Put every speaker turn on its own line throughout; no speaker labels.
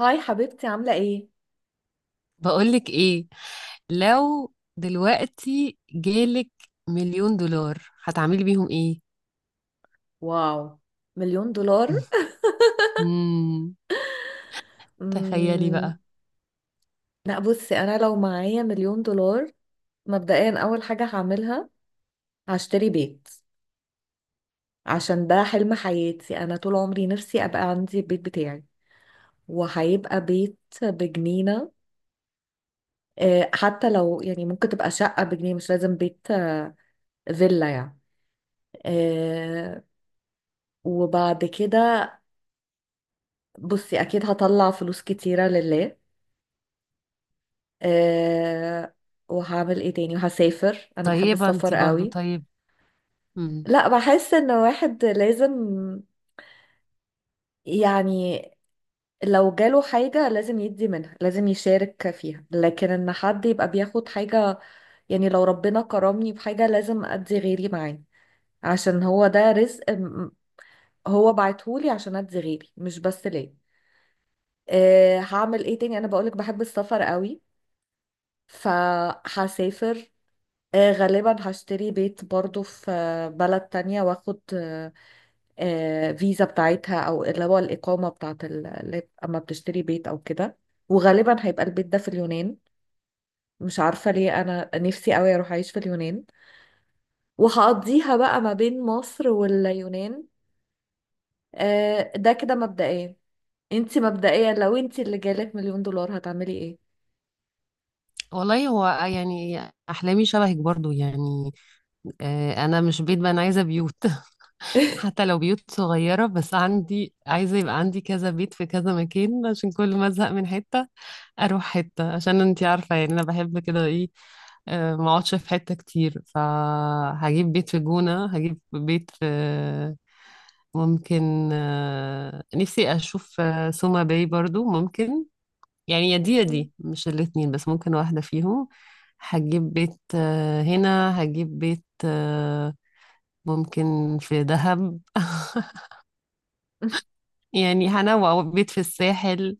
هاي حبيبتي، عاملة ايه؟
بقولك ايه، لو دلوقتي جالك مليون دولار هتعملي بيهم ايه؟
واو، مليون دولار.
مم. تخيلي
مم.
بقى.
لا، بصي انا لو معايا مليون دولار مبدئيا اول حاجة هعملها هشتري بيت، عشان ده حلم حياتي، انا طول عمري نفسي ابقى عندي البيت بتاعي، وهيبقى بيت بجنينة. حتى لو يعني ممكن تبقى شقة بجنيه، مش لازم بيت، فيلا يعني. آه، وبعد كده بصي اكيد هطلع فلوس كتيرة لله. أه وهعمل ايه تاني، وهسافر، انا بحب
طيبة
السفر
انتي برضو.
قوي.
طيب. مم.
لا، بحس ان واحد لازم، يعني، لو جاله حاجة لازم يدي منها، لازم يشارك فيها، لكن ان حد يبقى بياخد حاجة، يعني لو ربنا كرمني بحاجة لازم ادي غيري معاه، عشان هو ده رزق هو بعتهولي عشان ادي غيري مش بس ليه. هعمل ايه تاني، انا بقولك بحب السفر قوي، فهسافر. غالبا هشتري بيت برضو في بلد تانية، واخد فيزا بتاعتها، او اللي هو الإقامة بتاعت اللي اما بتشتري بيت او كده، وغالبا هيبقى البيت ده في اليونان، مش عارفة ليه انا نفسي قوي اروح اعيش في اليونان، وهقضيها بقى ما بين مصر واليونان. ده كده مبدئيا. انتي مبدئيا لو انتي اللي جالك مليون دولار، هتعملي
والله، هو يعني احلامي شبهك برضو يعني. انا مش بيت، بقى انا عايزة بيوت
ايه؟
حتى لو بيوت صغيرة، بس عندي عايزة يبقى عندي كذا بيت في كذا مكان عشان كل ما ازهق من حتة اروح حتة. عشان انتي عارفة، يعني انا بحب كده ايه. ما اقعدش في حتة كتير، فهجيب بيت في جونة، هجيب بيت في، ممكن، نفسي اشوف سوما باي برضو، ممكن. يعني يا دي يا دي، مش الاتنين، بس ممكن واحدة فيهم. هجيب بيت هنا، هجيب بيت، ممكن في دهب يعني هنوع بيت في الساحل.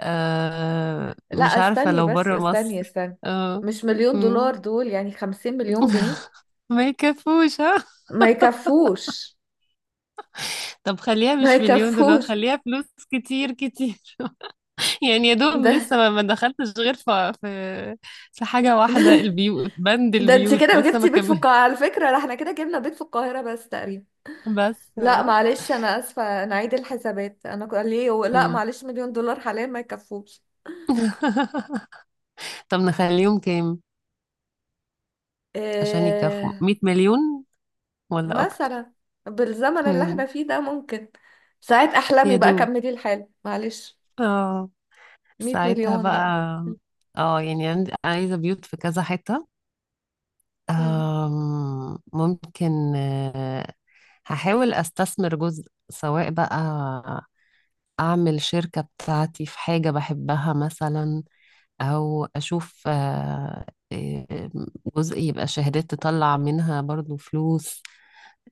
لا
مش عارفة
استني
لو
بس
برا
استني
مصر.
استني.
اه.
مش مليون دولار
مم.
دول يعني 50 مليون جنيه.
ما يكفوش ها؟
ما يكفوش،
طب خليها
ما
مش مليون دولار،
يكفوش.
خليها فلوس كتير كتير يعني يا دوب
ده
لسه ما دخلتش غير في في حاجة
ده
واحدة. البيوت، بند
ده انت
البيوت
كده
لسه ما
جبتي بيت في
كمل
القاهرة على فكرة، لا احنا كده جبنا بيت في القاهرة بس تقريبا.
بس
لا
اه.
معلش، انا اسفة، انا عيد الحسابات، انا ليه لا
مم.
معلش مليون دولار حاليا ما يكفوش.
طب نخليهم كام عشان يكفوا
إيه
100 مليون، ولا اكتر؟
مثلا بالزمن اللي احنا
مم.
فيه ده ممكن، ساعات احلامي
يا
بقى،
دوب
كملي الحال معلش.
اه.
100
ساعتها
مليون
بقى
بقى.
اه، يعني عندي عايزة بيوت في كذا حتة.
مم.
ممكن. هحاول استثمر جزء، سواء بقى اعمل شركة بتاعتي في حاجة بحبها مثلا، او اشوف آه، جزء يبقى شهادات تطلع منها برضو فلوس.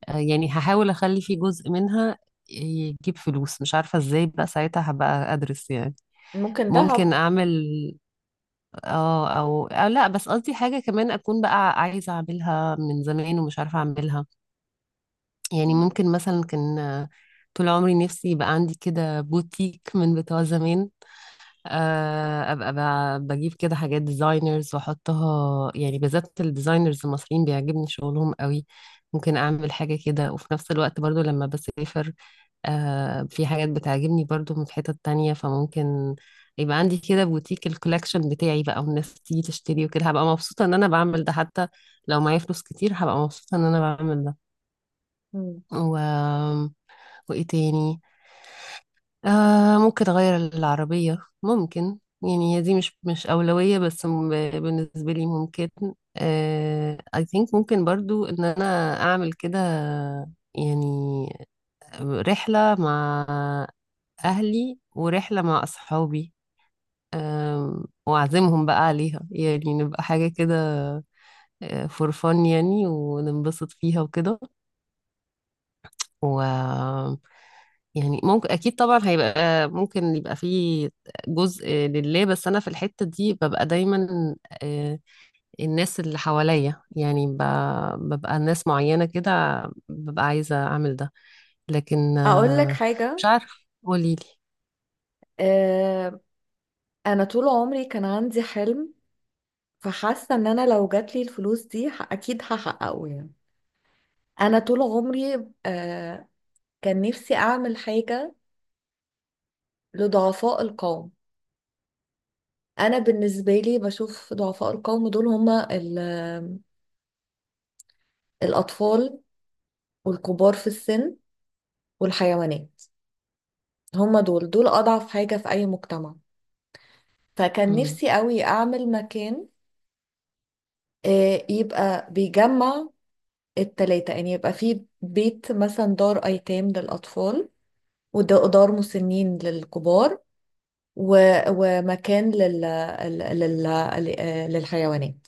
يعني هحاول اخلي في جزء منها يجيب فلوس، مش عارفة ازاي بقى، ساعتها هبقى ادرس يعني.
ممكن ذهب.
ممكن اعمل، اه أو لا، بس قصدي حاجة كمان اكون بقى عايزة اعملها من زمان ومش عارفة اعملها. يعني ممكن مثلا كان، طول عمري نفسي يبقى عندي كده بوتيك من بتوع زمان. ابقى بجيب كده حاجات ديزاينرز واحطها، يعني بالذات الديزاينرز المصريين بيعجبني شغلهم قوي. ممكن اعمل حاجة كده، وفي نفس الوقت برضو لما بسافر في حاجات بتعجبني برضو من حتت تانية، فممكن يبقى عندي كده بوتيك الكولكشن بتاعي بقى، والناس تيجي تشتري وكده، هبقى مبسوطة ان انا بعمل ده. حتى لو معايا فلوس كتير هبقى مبسوطة ان انا بعمل ده.
مم.
و... وايه تاني. آه ممكن اغير العربية. ممكن، يعني هي دي مش أولوية، بس بالنسبة لي ممكن. I think ممكن برضو ان انا اعمل كده يعني، رحلة مع اهلي ورحلة مع اصحابي. واعزمهم بقى عليها، يعني نبقى حاجة كده فور فن، يعني وننبسط فيها وكده. و يعني ممكن اكيد طبعا هيبقى ممكن يبقى فيه جزء لله، بس انا في الحتة دي ببقى دايما آه، الناس اللي حواليا يعني ببقى ناس معينة كده، ببقى عايزة اعمل ده. لكن
اقول لك
مش
حاجة.
عارفة. قوليلي.
آه، انا طول عمري كان عندي حلم، فحاسه ان انا لو جاتلي الفلوس دي اكيد هحققه يعني. انا طول عمري كان نفسي اعمل حاجه لضعفاء القوم. انا بالنسبه لي بشوف ضعفاء القوم دول هما الاطفال، والكبار في السن، والحيوانات. هما دول اضعف حاجه في اي مجتمع، فكان
مم،
نفسي قوي اعمل مكان يبقى بيجمع التلاتة، يعني يبقى فيه بيت مثلا دار ايتام للاطفال، ودار مسنين للكبار، ومكان لل... لل... للحيوانات،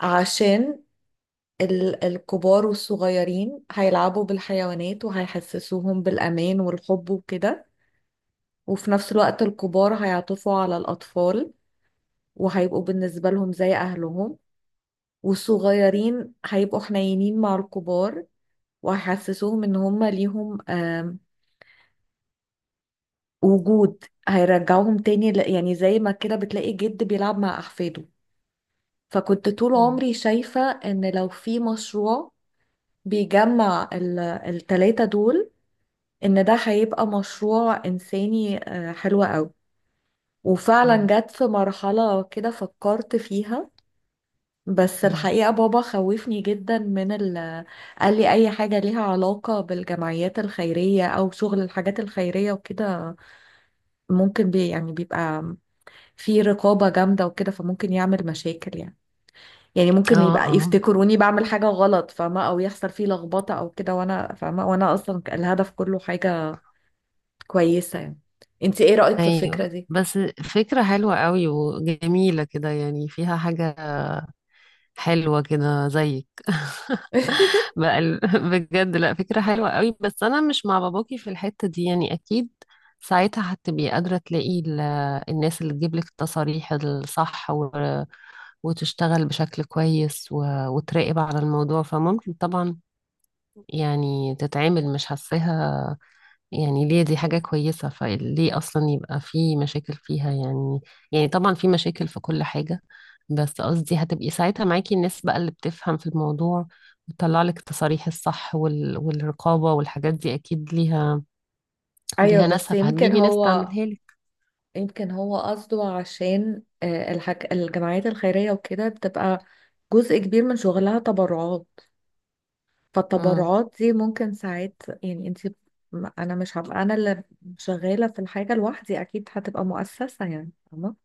عشان الكبار والصغيرين هيلعبوا بالحيوانات وهيحسسوهم بالأمان والحب وكده، وفي نفس الوقت الكبار هيعطفوا على الأطفال وهيبقوا بالنسبة لهم زي أهلهم، والصغيرين هيبقوا حنينين مع الكبار وهيحسسوهم إن هما ليهم وجود، هيرجعوهم تاني يعني زي ما كده بتلاقي جد بيلعب مع أحفاده. فكنت طول
مم،
عمري شايفة ان لو في مشروع بيجمع التلاتة دول، ان ده هيبقى مشروع انساني حلو قوي. وفعلا
مم،
جت في مرحلة كده فكرت فيها، بس
مم.
الحقيقة بابا خوفني جدا من ال قال لي أي حاجة ليها علاقة بالجمعيات الخيرية أو شغل الحاجات الخيرية وكده ممكن يعني بيبقى في رقابة جامدة وكده، فممكن يعمل مشاكل يعني. يعني ممكن
اه
يبقى
اه.
يفتكروني بعمل حاجة غلط، فاهمة، او يحصل فيه لخبطة او كده، وانا فاهمة وانا اصلا الهدف كله حاجة كويسة يعني. انت ايه رأيك في الفكرة
ايوه
دي؟
بس، فكرة حلوة قوي وجميلة كده، يعني فيها حاجة حلوة كده زيك. بقى بجد، لا فكرة حلوة قوي، بس أنا مش مع باباكي في الحتة دي يعني، أكيد ساعتها هتبقي قادرة تلاقي الناس اللي تجيب لك التصاريح الصح، وتشتغل بشكل كويس، وتراقب على الموضوع، فممكن طبعا يعني تتعامل مش حاساها يعني، ليه دي حاجة كويسة، فليه أصلا يبقى في مشاكل فيها يعني؟ يعني طبعا في مشاكل في كل حاجة، بس قصدي هتبقي ساعتها معاكي الناس بقى اللي بتفهم في الموضوع، وتطلع لك التصاريح الصح والرقابة والحاجات دي، أكيد ليها
ايوه
ليها
بس
ناسها
يمكن
فهتجيبي ناس
هو
تعملها لك.
يمكن هو قصده عشان الجمعيات الخيرية وكده بتبقى جزء كبير من شغلها تبرعات،
امم
فالتبرعات دي ممكن ساعات يعني انا مش هبقى انا اللي شغالة في الحاجة لوحدي، اكيد هتبقى مؤسسة، يعني فاهمة.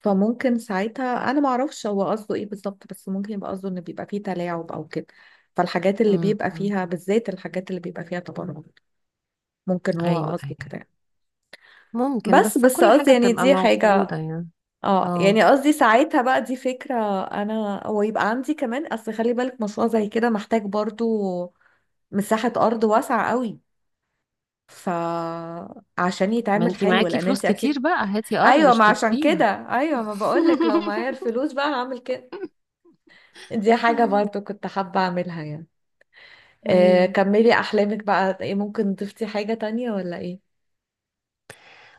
فممكن ساعتها انا ما اعرفش هو قصده ايه بالظبط، بس ممكن يبقى قصده ان بيبقى فيه تلاعب او كده، فالحاجات اللي بيبقى
امم
فيها بالذات الحاجات اللي بيبقى فيها تبرع، ممكن هو
أيوه
قصده
أيوه،
كده يعني.
ممكن
بس
بس
بس
كل
قصدي
حاجة
يعني
بتبقى
دي حاجة،
موجودة يعني.
اه يعني
اه،
قصدي ساعتها بقى دي فكرة انا، ويبقى عندي كمان، اصل خلي بالك مشروع زي كده محتاج برضو مساحة أرض واسعة قوي فعشان
ما
يتعمل
انتي
حلو،
معاكي
لأن
فلوس
أنت
كتير
أكيد.
بقى، هاتي أرض
أيوة ما عشان كده،
اشتريها
أيوة ما بقولك لو معايا الفلوس بقى هعمل كده. دي حاجة
آه،
برضو كنت حابة أعملها يعني.
أيوه،
كملي أحلامك بقى، إيه ممكن ضفتي حاجة تانية ولا إيه؟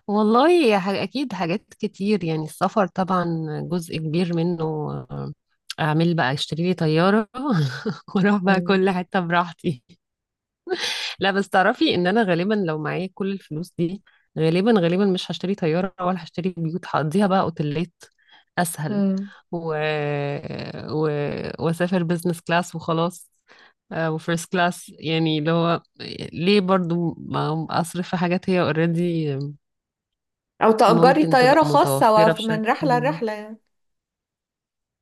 والله يا أكيد حاجات كتير يعني. السفر طبعا جزء كبير منه. آه، أعمل بقى، أشتري لي طيارة وأروح بقى
مم.
كل حتة براحتي. لا، بس تعرفي إن أنا غالبا لو معايا كل الفلوس دي، غالبا غالبا مش هشتري طيارة ولا هشتري بيوت، هقضيها بقى أوتيلات أسهل.
مم.
و... و... وأسافر بزنس كلاس وخلاص. وفيرست كلاس يعني اللي هو، ليه برضو ما أصرف في حاجات هي اوريدي
أو تأجري
ممكن
طيارة
تبقى
خاصة
متوفرة
من
بشكل،
رحلة لرحلة يعني.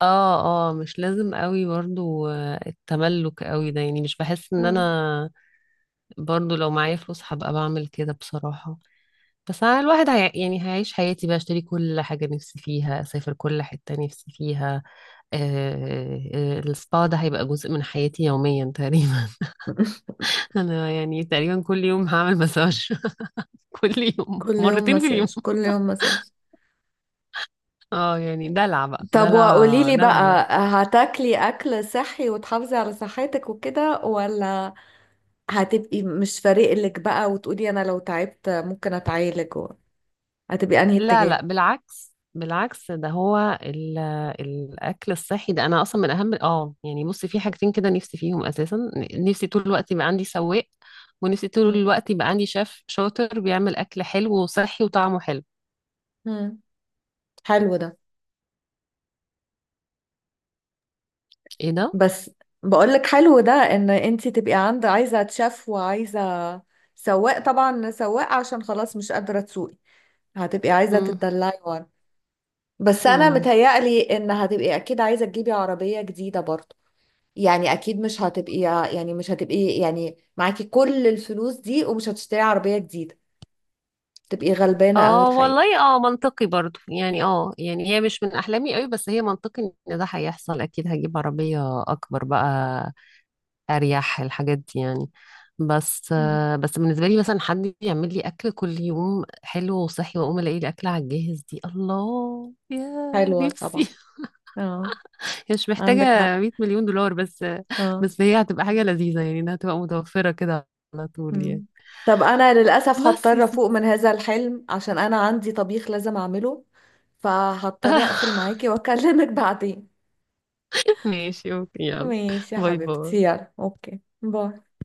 اه اه، مش لازم قوي برضو التملك قوي ده يعني، مش بحس ان
مم.
انا برضو لو معايا فلوس هبقى بعمل كده بصراحة. بس أنا الواحد يعني هيعيش حياتي بقى، اشتري كل حاجة نفسي فيها، اسافر كل حتة نفسي فيها. السبا ده هيبقى جزء من حياتي يوميا تقريبا. انا يعني تقريبا كل يوم هعمل مساج، كل يوم،
كل يوم
مرتين في اليوم.
مساج، كل يوم مساج.
اه يعني دلع بقى،
طب وقولي
دلع
لي
دلع
بقى،
بس.
هتاكلي اكل صحي وتحافظي على صحتك وكده، ولا هتبقي مش فارق لك بقى وتقولي انا لو تعبت ممكن اتعالج هتبقي انهي
لا لا،
اتجاه؟
بالعكس بالعكس، ده هو الاكل الصحي. ده انا اصلا من اهم، اه يعني، بصي في حاجتين كده نفسي فيهم اساسا. نفسي طول الوقت يبقى عندي سواق، ونفسي طول
مم.
الوقت يبقى عندي شيف شاطر بيعمل اكل حلو وصحي وطعمه حلو.
مم. حلو ده.
ايه ده؟
بس بقولك حلو ده ان انتي تبقي عند عايزة تشاف، وعايزة سواق، طبعا سواق عشان خلاص مش قادرة تسوقي، هتبقي عايزة
مم.
تتدلعي ورا. بس انا
مم.
متهيألي ان هتبقي اكيد عايزة تجيبي عربية جديدة برضه، يعني اكيد مش هتبقي، يعني مش هتبقي يعني معاكي كل الفلوس دي ومش هتشتري عربية جديدة، تبقي غلبانة قوي
اه
الحقيقة.
والله، اه منطقي برضو يعني. اه يعني هي مش من احلامي قوي، بس هي منطقي ان ده هيحصل، اكيد هجيب عربية اكبر بقى اريح الحاجات دي يعني. بس
مم.
آه، بس بالنسبه لي مثلا، حد يعمل لي اكل كل يوم حلو وصحي، واقوم الاقي الاكل على الجاهز، دي الله يا
حلوة طبعا.
نفسي
اه،
هي مش محتاجه
عندك حق.
100 مليون دولار بس
اه.
بس هي هتبقى حاجه لذيذه يعني، انها تبقى متوفره كده على طول يعني.
مم. طب انا للاسف
بس يا
هضطر
ستي
افوق من هذا الحلم عشان انا عندي طبيخ لازم اعمله، فهضطر اقفل معاكي واكلمك بعدين.
ماشي اوكي، يلا.
ماشي يا
باي
حبيبتي،
باي.
يلا اوكي، باي.